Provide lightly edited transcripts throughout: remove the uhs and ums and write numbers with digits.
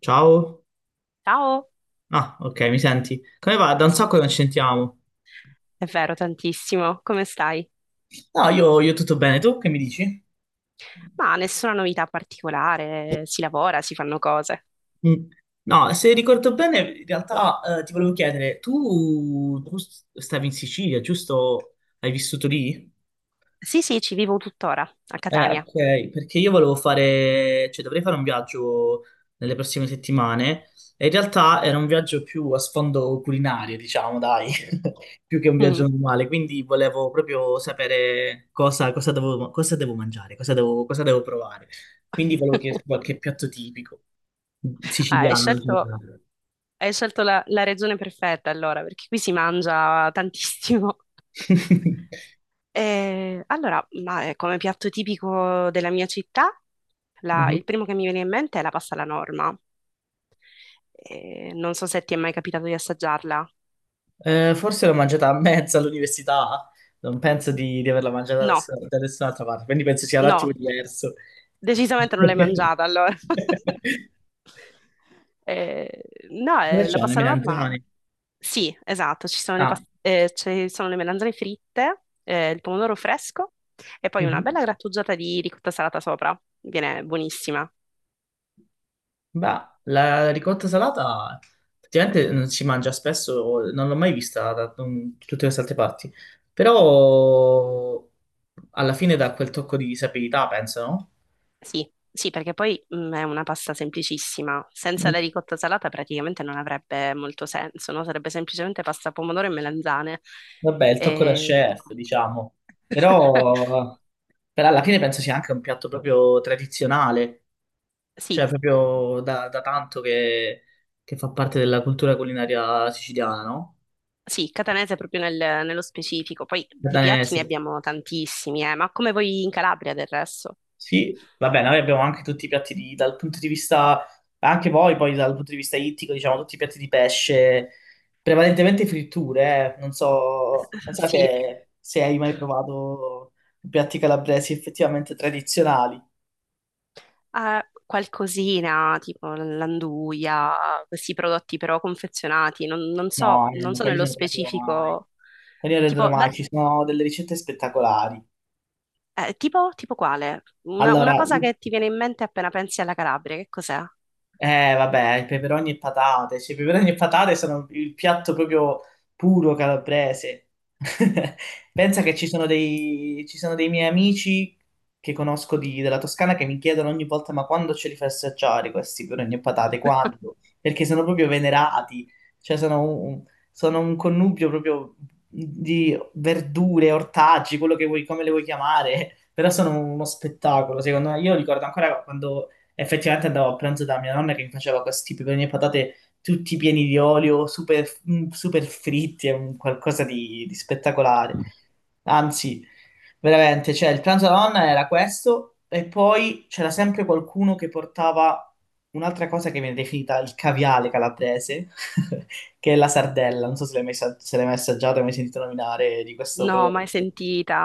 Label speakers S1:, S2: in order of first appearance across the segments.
S1: Ciao.
S2: Ciao,
S1: Ah, ok, mi senti? Come va? Da un
S2: sì,
S1: sacco che non ci sentiamo.
S2: è vero, tantissimo. Come stai?
S1: No, io tutto bene, tu che mi dici?
S2: Ma nessuna novità particolare, si lavora, si fanno cose.
S1: Mm. No, se ricordo bene, in realtà ti volevo chiedere, tu stavi in Sicilia, giusto? Hai vissuto lì?
S2: Sì, sì, ci vivo tuttora, a Catania.
S1: Ok, perché io volevo fare, cioè dovrei fare un viaggio nelle prossime settimane e in realtà era un viaggio più a sfondo culinario, diciamo, dai, più che un
S2: Mm.
S1: viaggio normale, quindi volevo proprio sapere cosa devo mangiare, cosa devo provare. Quindi volevo chiederti qualche piatto tipico
S2: Ah, hai
S1: siciliano in
S2: scelto,
S1: generale.
S2: hai scelto la regione perfetta allora, perché qui si mangia tantissimo. Allora, ma, come piatto tipico della mia città,
S1: Mhm.
S2: il primo che mi viene in mente è la pasta alla norma. Non so se ti è mai capitato di assaggiarla.
S1: Forse l'ho mangiata a mezzo all'università, non penso di averla mangiata
S2: No,
S1: da nessun'altra parte, quindi penso sia un
S2: no.
S1: attimo diverso.
S2: Decisamente non l'hai mangiata allora. Eh, no,
S1: Cosa
S2: la
S1: c'ho? Le
S2: pasta alla norma,
S1: melanzane?
S2: sì, esatto, ci sono le,
S1: Ah,
S2: pas- eh, ci sono le melanzane fritte, il pomodoro fresco e poi
S1: mhm.
S2: una bella grattugiata di ricotta salata sopra. Viene buonissima.
S1: Beh, la ricotta salata effettivamente non si mangia spesso, non l'ho mai vista da tutte queste altre parti, però alla fine dà quel tocco di sapidità, penso, no?
S2: Sì, sì, perché poi è una pasta semplicissima. Senza
S1: Mm.
S2: la ricotta salata praticamente non avrebbe molto senso, no? Sarebbe semplicemente pasta pomodoro e melanzane.
S1: Vabbè, il tocco da
S2: E-
S1: chef, diciamo, però, però alla fine penso sia anche un piatto proprio tradizionale. Cioè,
S2: Sì,
S1: proprio da tanto che fa parte della cultura culinaria siciliana, no?
S2: sì, catanese proprio nello specifico, poi di piatti
S1: Danese.
S2: ne abbiamo tantissimi, ma come voi in Calabria del resto?
S1: Sì, va bene, noi abbiamo anche tutti i piatti di, dal punto di vista, anche voi poi dal punto di vista ittico, diciamo, tutti i piatti di pesce, prevalentemente fritture, eh. Non so, non so
S2: Sì,
S1: se, se hai mai provato piatti calabresi effettivamente tradizionali.
S2: qualcosina tipo l'anduia, questi prodotti però confezionati, non, non so,
S1: No,
S2: non
S1: ma
S2: so
S1: quelli
S2: nello
S1: non rendono mai.
S2: specifico,
S1: Quelli non rendono
S2: tipo,
S1: mai,
S2: da-
S1: ci sono delle ricette spettacolari.
S2: tipo quale? Una
S1: Allora,
S2: cosa che ti viene in mente appena pensi alla Calabria, che cos'è?
S1: Vabbè, i peperoni e patate. Cioè, i peperoni e patate sono il piatto proprio puro calabrese. Pensa che ci sono dei miei amici che conosco della Toscana che mi chiedono ogni volta: ma quando ce li fai assaggiare questi peperoni e patate? Quando? Perché sono proprio venerati. Cioè, sono un connubio proprio di verdure, ortaggi, quello che vuoi, come le vuoi chiamare. Però sono uno spettacolo, secondo me. Io ricordo ancora quando effettivamente andavo a pranzo da mia nonna che mi faceva questi peperoni e patate tutti pieni di olio, super, super fritti, è un qualcosa di spettacolare. Anzi, veramente, cioè il pranzo della nonna era questo e poi c'era sempre qualcuno che portava un'altra cosa che viene definita il caviale calabrese, che è la sardella. Non so se l'hai mai se l'hai mai assaggiato, hai mai sentito nominare di questo
S2: No,
S1: prodotto.
S2: mai sentita,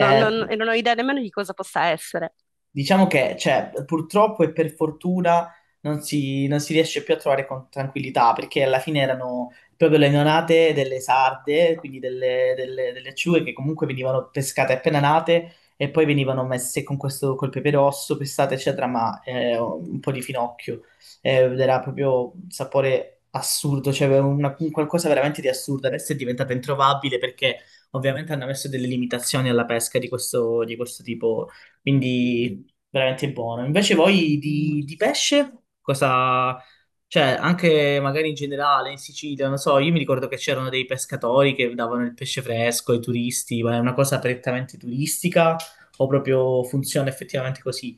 S2: e non ho idea nemmeno di cosa possa essere.
S1: Diciamo che, cioè, purtroppo e per fortuna non si riesce più a trovare con tranquillità, perché alla fine erano proprio le neonate delle sarde, quindi delle acciughe che comunque venivano pescate appena nate e poi venivano messe con questo, col pepe rosso, pestate, eccetera, ma un po' di finocchio. Ed era proprio un sapore assurdo, cioè un qualcosa veramente di assurdo. Adesso è diventata introvabile perché ovviamente hanno messo delle limitazioni alla pesca di questo tipo. Quindi veramente buono. Invece voi di pesce, cosa... Cioè, anche magari in generale in Sicilia, non so, io mi ricordo che c'erano dei pescatori che davano il pesce fresco ai turisti, ma è una cosa prettamente turistica o proprio funziona effettivamente così?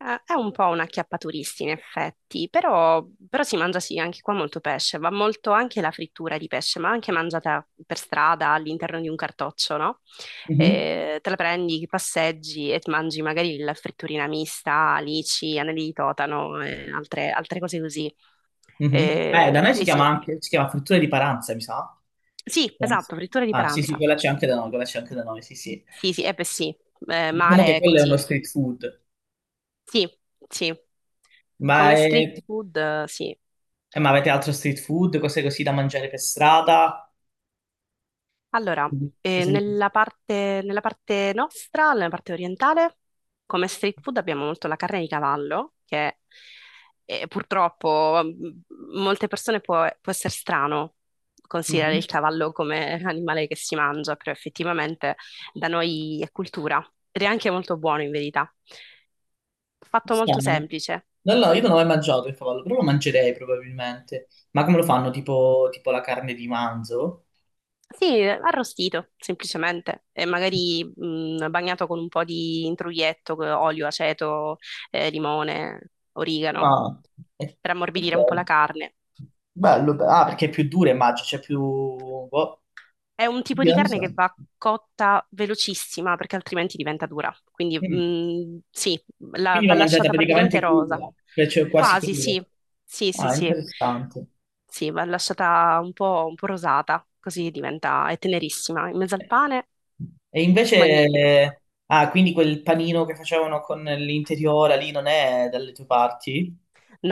S2: È un po' una acchiappaturisti in effetti, però si mangia sì, anche qua molto pesce, va molto anche la frittura di pesce, ma anche mangiata per strada all'interno di un cartoccio, no?
S1: Mhm,
S2: Te la prendi, passeggi e ti mangi magari la fritturina mista, alici, anelli di totano e altre cose così.
S1: mhm. Da noi si
S2: Poi
S1: chiama
S2: sì,
S1: anche, si chiama frittura di Paranza, mi sa.
S2: sì, esatto,
S1: Penso.
S2: frittura di
S1: Ah, sì, sì,
S2: paranza.
S1: quella c'è anche da noi, quella c'è anche da noi, sì, sì.
S2: Sì, sì, eh beh sì.
S1: Diciamo
S2: Mare
S1: che
S2: è
S1: quello è uno
S2: così.
S1: street food.
S2: Sì, sì,
S1: Ma,
S2: come
S1: è-
S2: street food, sì.
S1: ma avete altro street food, cose così da mangiare per strada?
S2: Allora,
S1: Cosa ne pensi?
S2: nella parte nostra, nella parte orientale, come street food abbiamo molto la carne di cavallo, che purtroppo molte persone può essere strano considerare
S1: Mhm.
S2: il cavallo come animale che si mangia, però effettivamente da noi è cultura ed è anche molto buono in verità. Fatto molto
S1: Strano.
S2: semplice.
S1: No, no, io non ho mai mangiato il cavallo, però lo mangerei probabilmente. Ma come lo fanno? Tipo la carne di manzo?
S2: Sì, arrostito semplicemente, e magari bagnato con un po' di intruglietto, olio, aceto, limone, origano,
S1: Ah, eh,
S2: per ammorbidire un po' la
S1: ok.
S2: carne. Sì.
S1: Bello, ah, perché è più dura, immagino, c'è più... boh,
S2: È un tipo di
S1: io non lo
S2: carne
S1: so.
S2: che va cotta velocissima perché altrimenti diventa dura. Quindi
S1: Mm.
S2: sì,
S1: Quindi
S2: va
S1: va mangiata
S2: lasciata
S1: praticamente
S2: praticamente rosa.
S1: cruda, cioè quasi
S2: Quasi,
S1: cruda.
S2: sì. Sì, sì,
S1: Ah,
S2: sì.
S1: interessante.
S2: Sì, va lasciata un po' rosata, così diventa, è tenerissima. In mezzo al pane,
S1: E
S2: magnifico.
S1: invece, ah, quindi quel panino che facevano con l'interiora lì non è dalle tue parti?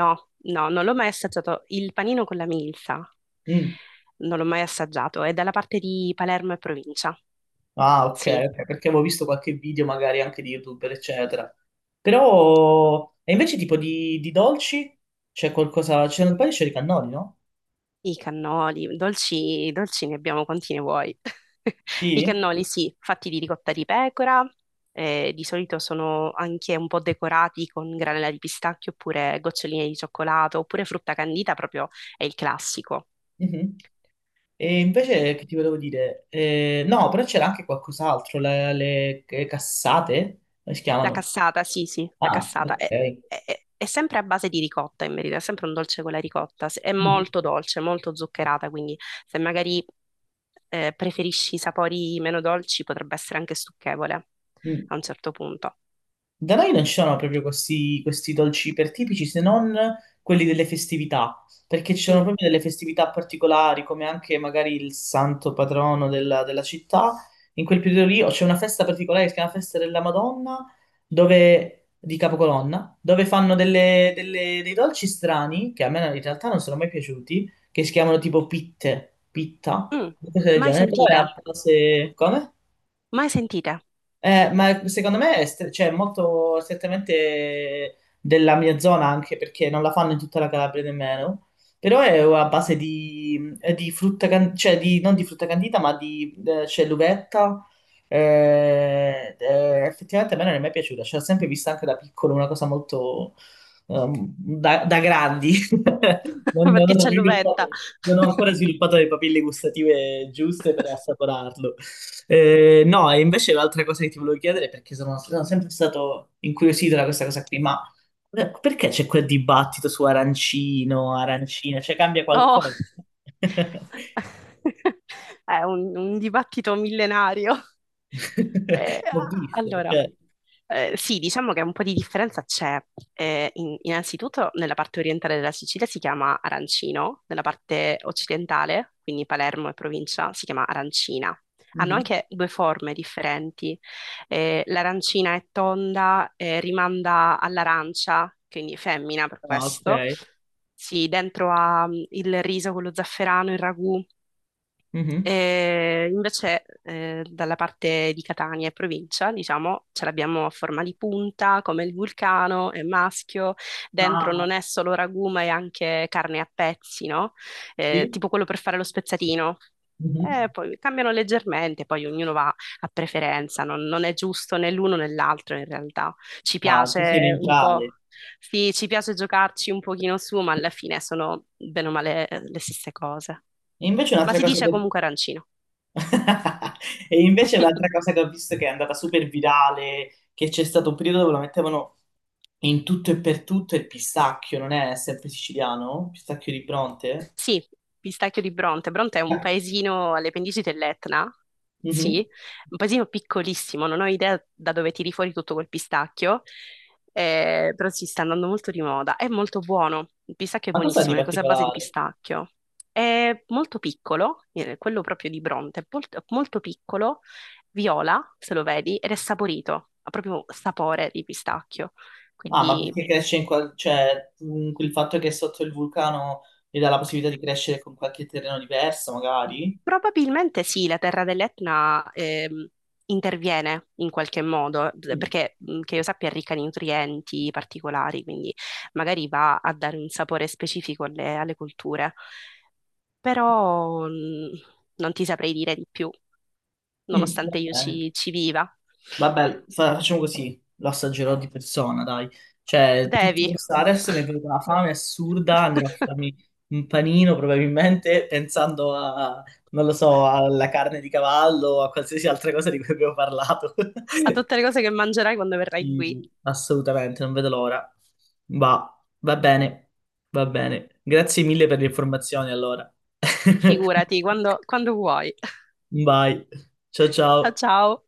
S2: No, no, non l'ho mai assaggiato. Il panino con la milza
S1: Mm.
S2: non l'ho mai assaggiato. È dalla parte di Palermo e provincia.
S1: Ah, ok,
S2: Sì,
S1: ok, perché avevo visto qualche video magari anche di YouTuber, eccetera. Però, e invece tipo di dolci? C'è qualcosa, c'è un paio di cannoli, no?
S2: i cannoli, dolci, dolci ne abbiamo quanti ne vuoi. I
S1: Sì?
S2: cannoli, sì, fatti di ricotta di pecora. Di solito sono anche un po' decorati con granella di pistacchio oppure goccioline di cioccolato oppure frutta candita, proprio è il classico.
S1: Mhm. E invece che ti volevo dire? No, però c'era anche qualcos'altro, le cassate, come si
S2: La
S1: chiamano?
S2: cassata, sì, sì, la
S1: Ah,
S2: cassata. È,
S1: ok.
S2: è- è è sempre a base di ricotta, in verità, è sempre un dolce con la ricotta. È
S1: Mm.
S2: molto dolce, molto zuccherata, quindi se magari preferisci i sapori meno dolci potrebbe essere anche stucchevole
S1: Mm.
S2: a un certo punto.
S1: Da noi non ci sono proprio questi dolci ipertipici se non quelli delle festività, perché ci sono
S2: Mm,
S1: proprio delle festività particolari, come anche magari il santo patrono della città. In quel periodo lì o c'è una festa particolare che si chiama Festa della Madonna, dove, di Capocolonna, dove fanno dei dolci strani, che a me in realtà non sono mai piaciuti, che si chiamano tipo pitta,
S2: mm.
S1: cose del
S2: Mai
S1: genere. Però è
S2: sentite?
S1: a base... Come?
S2: Mai sentite?
S1: Ma secondo me è cioè, molto strettamente della mia zona anche perché non la fanno in tutta la Calabria nemmeno, però è a base di frutta, cioè di, non di frutta candita ma di c'è l'uvetta. Eh, effettivamente a me non è mai piaciuta, cioè, l'ho sempre vista anche da piccolo, una cosa molto da grandi. Non, non
S2: Perché
S1: ho
S2: c'è l'uvetta.
S1: sviluppato- non ho ancora sviluppato le papille gustative giuste per assaporarlo. No, e invece l'altra cosa che ti volevo chiedere, perché sono sempre stato incuriosito da questa cosa qui, ma perché c'è quel dibattito su arancino, arancina? Cioè cambia
S2: Oh!
S1: qualcosa?
S2: È un dibattito millenario.
S1: L'ho
S2: Ah.
S1: visto,
S2: Allora,
S1: cioè.
S2: Sì, diciamo che un po' di differenza c'è. Innanzitutto nella parte orientale della Sicilia si chiama arancino, nella parte occidentale, quindi Palermo e provincia, si chiama arancina. Hanno
S1: Mhm.
S2: anche due forme differenti. L'arancina è tonda, rimanda all'arancia, quindi femmina per
S1: Ah, ok.
S2: questo. Sì, dentro ha il riso, quello zafferano, il ragù,
S1: Mhm.
S2: invece, dalla parte di Catania e provincia, diciamo, ce l'abbiamo a forma di punta, come il vulcano, è maschio, dentro non
S1: Ah,
S2: è solo ragù, ma è anche carne a pezzi, no?
S1: sì.
S2: Tipo quello per fare lo spezzatino.
S1: Mhm.
S2: Poi cambiano leggermente, poi ognuno va a preferenza, non è giusto né l'uno né l'altro in realtà. Ci
S1: Ah, tu sei
S2: piace un po',
S1: neutrale.
S2: sì, ci piace giocarci un pochino su, ma alla fine sono bene o male le stesse cose.
S1: E invece
S2: Ma
S1: un'altra
S2: si
S1: cosa
S2: dice
S1: che...
S2: comunque arancino.
S1: E invece l'altra cosa che ho visto che è andata super virale, che c'è stato un periodo dove lo mettevano in tutto e per tutto, è il pistacchio, non è sempre siciliano? Pistacchio di Bronte?
S2: Sì, pistacchio di Bronte. Bronte è un
S1: Ah,
S2: paesino alle pendici dell'Etna,
S1: mhm.
S2: sì, un paesino piccolissimo, non ho idea da dove tiri fuori tutto quel pistacchio, però si sta andando molto di moda. È molto buono, il pistacchio è
S1: Ma cosa di
S2: buonissimo, le cose a base di
S1: particolare?
S2: pistacchio. È molto piccolo, quello proprio di Bronte, è molto, molto piccolo, viola, se lo vedi, ed è saporito, ha proprio sapore di pistacchio.
S1: Ah, ma
S2: Quindi
S1: perché cresce in qual... cioè, il fatto che è sotto il vulcano gli dà la possibilità di crescere con qualche terreno diverso, magari?
S2: probabilmente sì, la terra dell'Etna interviene in qualche modo,
S1: Mm.
S2: perché che io sappia è ricca di nutrienti particolari, quindi magari va a dare un sapore specifico alle colture, però non ti saprei dire di più,
S1: Mm, va
S2: nonostante io
S1: bene.
S2: ci viva.
S1: Vabbè, facciamo così, lo assaggerò di persona, dai. Cioè, tutti
S2: Devi,
S1: questi adesso mi è venuta una fame assurda, andrò a farmi un panino probabilmente pensando a, non lo so, alla carne di cavallo o a qualsiasi altra cosa di cui abbiamo parlato.
S2: a tutte le cose che mangerai quando verrai qui,
S1: Sì, assolutamente, non vedo l'ora. Va bene, va bene. Grazie mille per le informazioni, allora.
S2: figurati, quando vuoi.
S1: Vai, ciao
S2: Ciao
S1: ciao.
S2: ciao!